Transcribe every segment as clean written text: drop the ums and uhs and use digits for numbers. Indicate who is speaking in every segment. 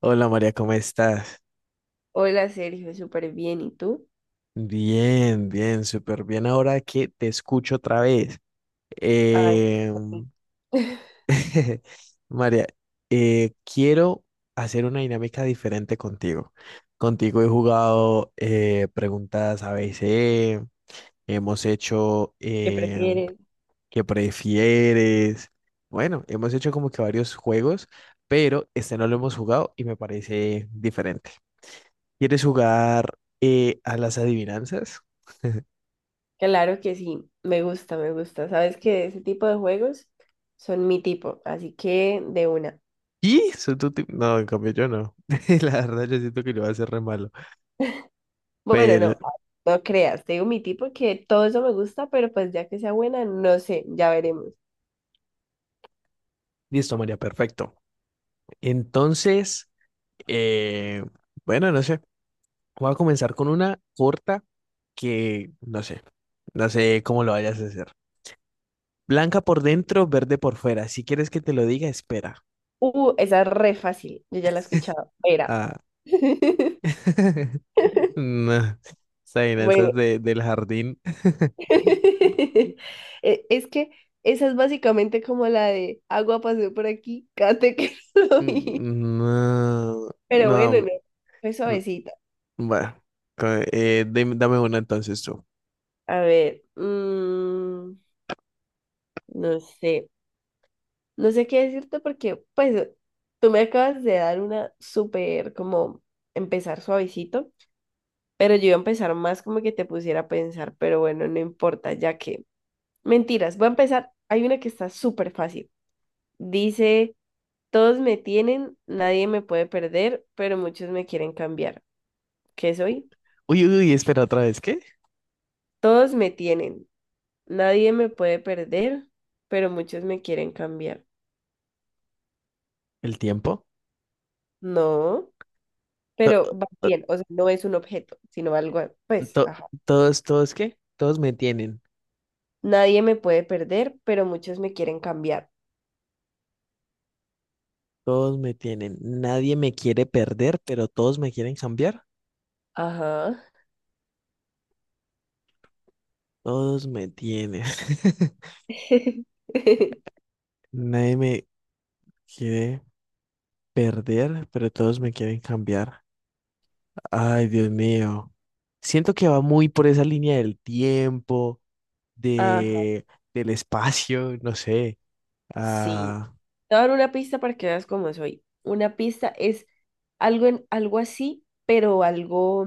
Speaker 1: Hola María, ¿cómo estás?
Speaker 2: Hola Sergio, súper bien. ¿Y tú?
Speaker 1: Bien, bien, súper bien. Ahora que te escucho otra vez.
Speaker 2: Ay,
Speaker 1: Eh,
Speaker 2: sí.
Speaker 1: María, quiero hacer una dinámica diferente contigo. Contigo he jugado preguntas ABC, hemos hecho
Speaker 2: ¿Qué prefieres?
Speaker 1: ¿qué prefieres? Bueno, hemos hecho como que varios juegos, pero este no lo hemos jugado y me parece diferente. ¿Quieres jugar a las adivinanzas?
Speaker 2: Claro que sí, me gusta, me gusta. Sabes que ese tipo de juegos son mi tipo, así que de una.
Speaker 1: ¿Y? Soy tu tipo- No, en cambio yo no. La verdad, yo siento que lo va a hacer re malo.
Speaker 2: Bueno,
Speaker 1: Pero,
Speaker 2: no, no creas, te digo mi tipo que todo eso me gusta, pero pues ya que sea buena, no sé, ya veremos.
Speaker 1: listo, María, perfecto. Entonces, eh, bueno, no sé. Voy a comenzar con una corta que no sé. No sé cómo lo vayas a hacer. Blanca por dentro, verde por fuera. Si quieres que te lo diga, espera.
Speaker 2: Esa es re fácil, yo ya la he escuchado. Era.
Speaker 1: Ah. No. Esa vaina, esa es
Speaker 2: Bueno,
Speaker 1: del jardín.
Speaker 2: es que esa es básicamente como la de agua pasó por aquí, cate que soy.
Speaker 1: No,
Speaker 2: Pero bueno, no,
Speaker 1: no,
Speaker 2: fue
Speaker 1: no.
Speaker 2: suavecita.
Speaker 1: Bueno, dame una entonces tú.
Speaker 2: A ver, no sé, no sé qué decirte porque, pues, tú me acabas de dar una súper, como, empezar suavecito, pero yo iba a empezar más como que te pusiera a pensar, pero bueno, no importa, ya que, mentiras, voy a empezar, hay una que está súper fácil. Dice, todos me tienen, nadie me puede perder, pero muchos me quieren cambiar. ¿Qué soy?
Speaker 1: Uy, uy, uy, espera otra vez, ¿qué?
Speaker 2: Todos me tienen. Nadie me puede perder, pero muchos me quieren cambiar.
Speaker 1: ¿El tiempo?
Speaker 2: No,
Speaker 1: To-
Speaker 2: pero va
Speaker 1: to-
Speaker 2: bien, o sea, no es un objeto, sino algo, pues,
Speaker 1: to-
Speaker 2: ajá.
Speaker 1: todos, todos, ¿qué? Todos me tienen,
Speaker 2: Nadie me puede perder, pero muchos me quieren cambiar.
Speaker 1: todos me tienen. Nadie me quiere perder, pero todos me quieren cambiar.
Speaker 2: Ajá.
Speaker 1: Todos me tienen. Nadie me quiere perder, pero todos me quieren cambiar. Ay, Dios mío. Siento que va muy por esa línea del tiempo,
Speaker 2: Ajá,
Speaker 1: de, del espacio, no sé.
Speaker 2: sí.
Speaker 1: Ah,
Speaker 2: Te voy a dar una pista para que veas cómo soy. Una pista es algo en algo así, pero algo,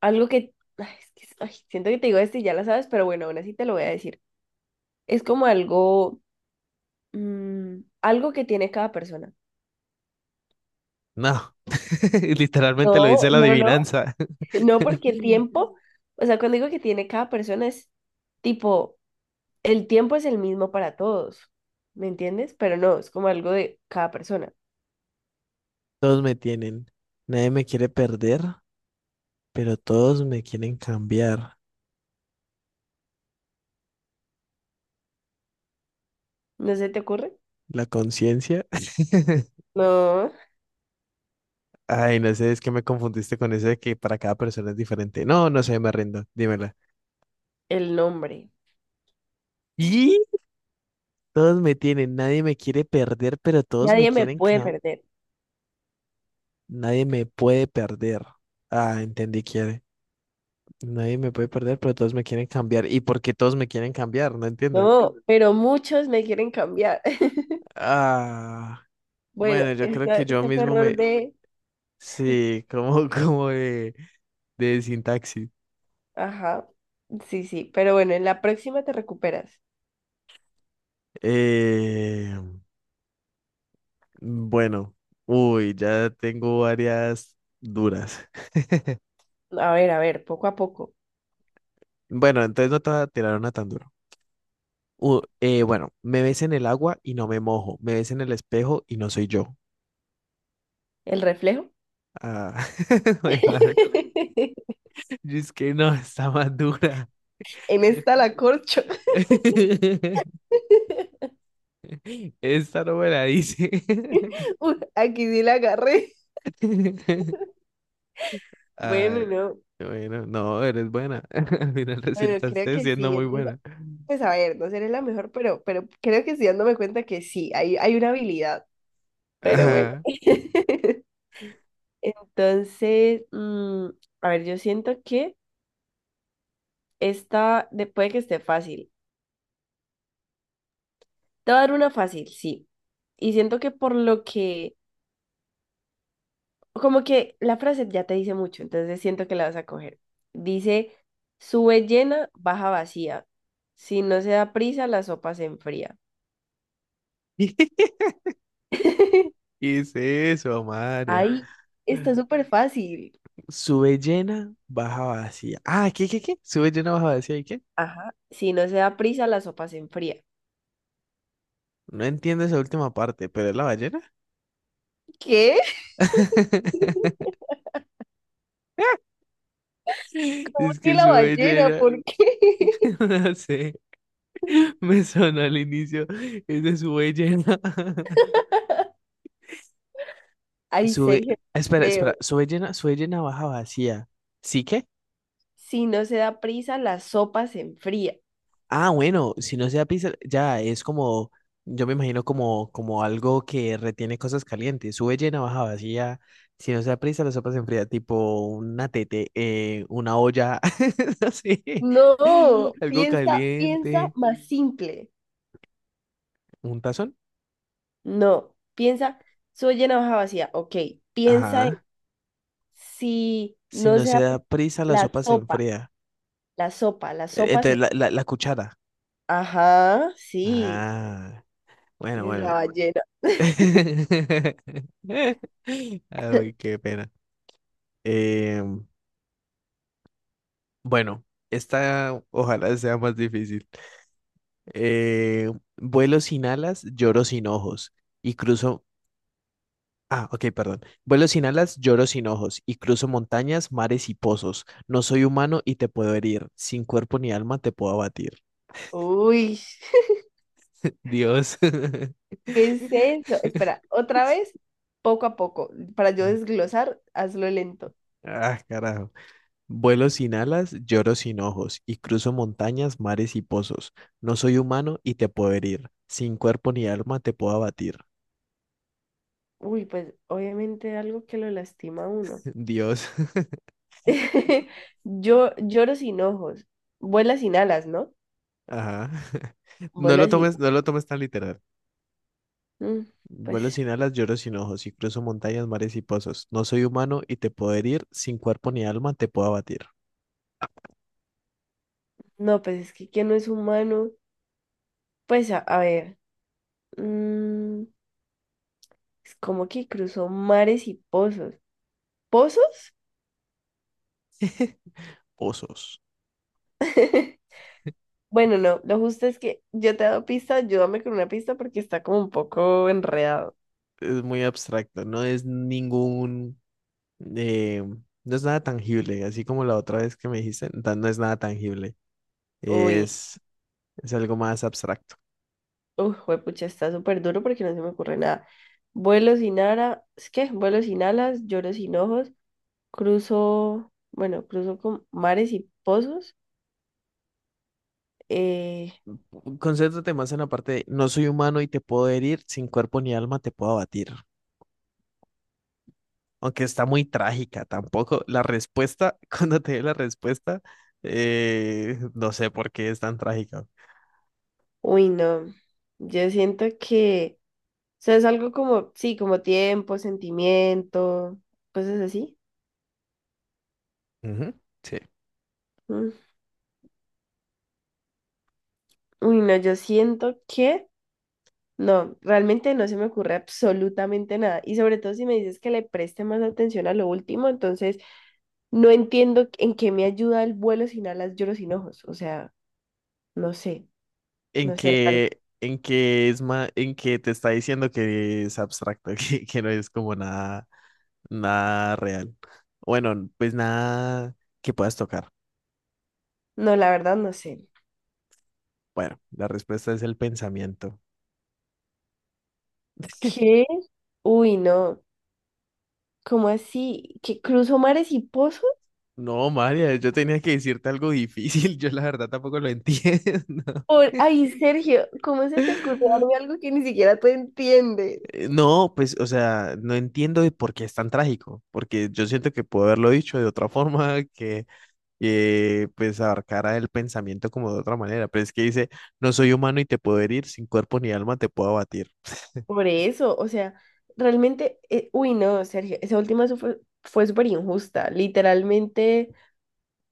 Speaker 2: algo que, ay, es ay, siento que te digo esto y ya la sabes, pero bueno, aún así te lo voy a decir. Es como algo. Mm, algo que tiene cada persona.
Speaker 1: no, literalmente lo
Speaker 2: No,
Speaker 1: dice la
Speaker 2: no, no.
Speaker 1: adivinanza.
Speaker 2: No porque el tiempo, o sea, cuando digo que tiene cada persona es tipo, el tiempo es el mismo para todos, ¿me entiendes? Pero no, es como algo de cada persona.
Speaker 1: Todos me tienen. Nadie me quiere perder, pero todos me quieren cambiar.
Speaker 2: ¿No se te ocurre?
Speaker 1: La conciencia.
Speaker 2: No,
Speaker 1: Ay, no sé, es que me confundiste con eso de que para cada persona es diferente. No, no sé, me rindo. Dímela.
Speaker 2: el nombre.
Speaker 1: ¿Y? Todos me tienen, nadie me quiere perder, pero todos me
Speaker 2: Nadie me
Speaker 1: quieren
Speaker 2: puede
Speaker 1: cambiar.
Speaker 2: perder.
Speaker 1: Nadie me puede perder. Ah, entendí, quiere. Nadie me puede perder, pero todos me quieren cambiar. ¿Y por qué todos me quieren cambiar? No entiendo.
Speaker 2: No, pero muchos me quieren cambiar.
Speaker 1: Ah,
Speaker 2: Bueno,
Speaker 1: bueno, yo creo que
Speaker 2: este,
Speaker 1: yo
Speaker 2: este fue
Speaker 1: mismo
Speaker 2: error
Speaker 1: me...
Speaker 2: de...
Speaker 1: Sí, como, de sintaxis.
Speaker 2: Ajá, sí, sí, pero bueno, en la próxima te recuperas.
Speaker 1: Eh, bueno, uy, ya tengo varias duras.
Speaker 2: A ver, poco a poco.
Speaker 1: Bueno, entonces no te voy a tirar una tan duro. Bueno, me ves en el agua y no me mojo. Me ves en el espejo y no soy yo.
Speaker 2: ¿El reflejo?
Speaker 1: Ah, Y es que no, está más dura.
Speaker 2: En esta la corcho.
Speaker 1: Esta no me la dice.
Speaker 2: Uy, aquí sí la agarré.
Speaker 1: Ay,
Speaker 2: Bueno, no.
Speaker 1: bueno, no, eres buena. Al final
Speaker 2: Bueno, creo
Speaker 1: resultaste
Speaker 2: que
Speaker 1: siendo
Speaker 2: sí.
Speaker 1: muy
Speaker 2: Entonces,
Speaker 1: buena.
Speaker 2: pues a ver, no seré la mejor, pero creo que sí dándome cuenta que sí, hay una habilidad. Pero bueno.
Speaker 1: Ajá.
Speaker 2: Entonces, a ver, yo siento que puede que esté fácil. Te voy a dar una fácil, sí. Y siento que por lo que como que la frase ya te dice mucho, entonces siento que la vas a coger. Dice, sube llena, baja vacía. Si no se da prisa, la sopa se enfría.
Speaker 1: ¿Qué es eso, María?
Speaker 2: Ahí está súper fácil.
Speaker 1: Sube llena, baja vacía. Ah, ¿qué, qué, qué? Sube llena, baja vacía, ¿y qué?
Speaker 2: Ajá. Si no se da prisa, la sopa se enfría.
Speaker 1: No entiendo esa última parte, pero es la ballena.
Speaker 2: ¿Qué? ¿Por
Speaker 1: Es
Speaker 2: qué
Speaker 1: que
Speaker 2: la
Speaker 1: sube
Speaker 2: ballena?
Speaker 1: llena.
Speaker 2: ¿Por qué?
Speaker 1: No sé. Me sonó al inicio. Es de sube llena.
Speaker 2: Ay,
Speaker 1: Sube.
Speaker 2: Sergio,
Speaker 1: Espera, espera.
Speaker 2: creo.
Speaker 1: Sube llena, baja vacía. ¿Sí que?
Speaker 2: Si no se da prisa, la sopa se enfría.
Speaker 1: Ah, bueno, si no sea pizza, ya es como. Yo me imagino como, como algo que retiene cosas calientes. Sube llena, baja vacía. Si no sea prisa, la sopa se enfría, tipo una tete, una olla, así,
Speaker 2: No,
Speaker 1: algo
Speaker 2: piensa, piensa
Speaker 1: caliente,
Speaker 2: más simple.
Speaker 1: un tazón.
Speaker 2: No, piensa, soy una hoja vacía. Ok, piensa en
Speaker 1: Ajá.
Speaker 2: si
Speaker 1: Si
Speaker 2: no
Speaker 1: no
Speaker 2: se
Speaker 1: se
Speaker 2: ha
Speaker 1: da prisa, la
Speaker 2: la
Speaker 1: sopa se
Speaker 2: sopa,
Speaker 1: enfría.
Speaker 2: la sopa, la sopa
Speaker 1: Entonces,
Speaker 2: se...
Speaker 1: la cuchara.
Speaker 2: Ajá, sí,
Speaker 1: Ah, bueno,
Speaker 2: la
Speaker 1: bueno.
Speaker 2: ballena.
Speaker 1: Ay, qué pena. Eh, bueno, esta ojalá sea más difícil. Eh, vuelo sin alas, lloro sin ojos y cruzo... Ah, ok, perdón. Vuelo sin alas, lloro sin ojos y cruzo montañas, mares y pozos. No soy humano y te puedo herir. Sin cuerpo ni alma te puedo abatir.
Speaker 2: Uy,
Speaker 1: Dios.
Speaker 2: ¿qué es eso? Espera, otra vez, poco a poco, para yo desglosar, hazlo lento.
Speaker 1: Ah, carajo. Vuelo sin alas, lloro sin ojos, y cruzo montañas, mares y pozos. No soy humano y te puedo herir. Sin cuerpo ni alma te puedo abatir.
Speaker 2: Uy, pues obviamente algo que lo lastima a uno.
Speaker 1: Dios.
Speaker 2: Yo lloro sin ojos, vuela sin alas, ¿no?
Speaker 1: Ajá. No lo
Speaker 2: Vuela sin...
Speaker 1: tomes, no lo tomes tan literal.
Speaker 2: Mm,
Speaker 1: Vuelo
Speaker 2: pues
Speaker 1: sin alas, lloro sin ojos, y cruzo montañas, mares y pozos. No soy humano y te puedo herir. Sin cuerpo ni alma te puedo abatir.
Speaker 2: no, pues es que ¿quién no es humano? Pues a ver, mm, es como que cruzó mares y pozos. ¿Pozos?
Speaker 1: Pozos.
Speaker 2: Bueno, no, lo justo es que yo te he dado pista, ayúdame con una pista porque está como un poco enredado.
Speaker 1: Es muy abstracto, no es ningún... eh, no es nada tangible, así como la otra vez que me dijiste, no no es nada tangible.
Speaker 2: Uy,
Speaker 1: Es... Es algo más abstracto.
Speaker 2: uy, juepucha, está súper duro porque no se me ocurre nada. Vuelo sin ara, ¿es qué? Vuelo sin alas, lloro sin ojos, cruzo, bueno, cruzo con mares y pozos. Eh,
Speaker 1: Concéntrate más en la parte de no soy humano y te puedo herir, sin cuerpo ni alma te puedo abatir. Aunque está muy trágica, tampoco. La respuesta, cuando te dé la respuesta, no sé por qué es tan trágica.
Speaker 2: uy, no, yo siento que... sea, es algo como, sí, como tiempo, sentimiento, cosas así.
Speaker 1: Ujú, Sí.
Speaker 2: Mm. Uy, no, yo siento que no, realmente no se me ocurre absolutamente nada. Y sobre todo si me dices que le preste más atención a lo último, entonces no entiendo en qué me ayuda el vuelo sin alas, lloro sin ojos. O sea, no sé,
Speaker 1: En
Speaker 2: no sé, hermano.
Speaker 1: que, en que es ma- en que te está diciendo que es abstracto, que no es como nada, nada real. Bueno, pues nada que puedas tocar.
Speaker 2: No, la verdad no sé.
Speaker 1: Bueno, la respuesta es el pensamiento.
Speaker 2: ¿Qué? Uy, no. ¿Cómo así? ¿Que cruzo mares y pozos?
Speaker 1: No, María, yo tenía que decirte algo difícil. Yo la verdad tampoco lo entiendo.
Speaker 2: Por... Ay, Sergio, ¿cómo se te ocurrió darme algo que ni siquiera tú entiendes?
Speaker 1: No, pues, o sea, no entiendo de por qué es tan trágico, porque yo siento que puedo haberlo dicho de otra forma, que pues abarcara el pensamiento como de otra manera, pero es que dice, no soy humano y te puedo herir, sin cuerpo ni alma te puedo abatir.
Speaker 2: Por eso, o sea, realmente, uy, no, Sergio, esa última fue, fue súper injusta. Literalmente,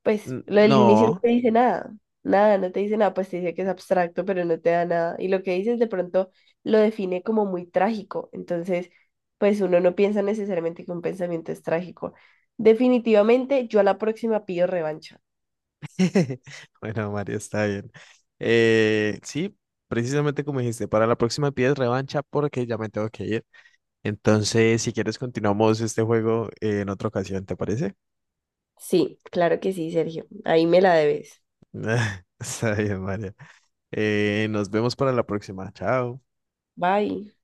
Speaker 2: pues
Speaker 1: N-
Speaker 2: lo del inicio no
Speaker 1: No.
Speaker 2: te dice nada, nada, no te dice nada, pues te dice que es abstracto, pero no te da nada. Y lo que dices de pronto lo define como muy trágico. Entonces, pues uno no piensa necesariamente que un pensamiento es trágico. Definitivamente, yo a la próxima pido revancha.
Speaker 1: Bueno, Mario, está bien. Sí, precisamente como dijiste, para la próxima pides revancha porque ya me tengo que ir. Entonces, si quieres, continuamos este juego en otra ocasión, ¿te parece?
Speaker 2: Sí, claro que sí, Sergio. Ahí me la debes.
Speaker 1: Está bien, Mario. Nos vemos para la próxima. Chao.
Speaker 2: Bye.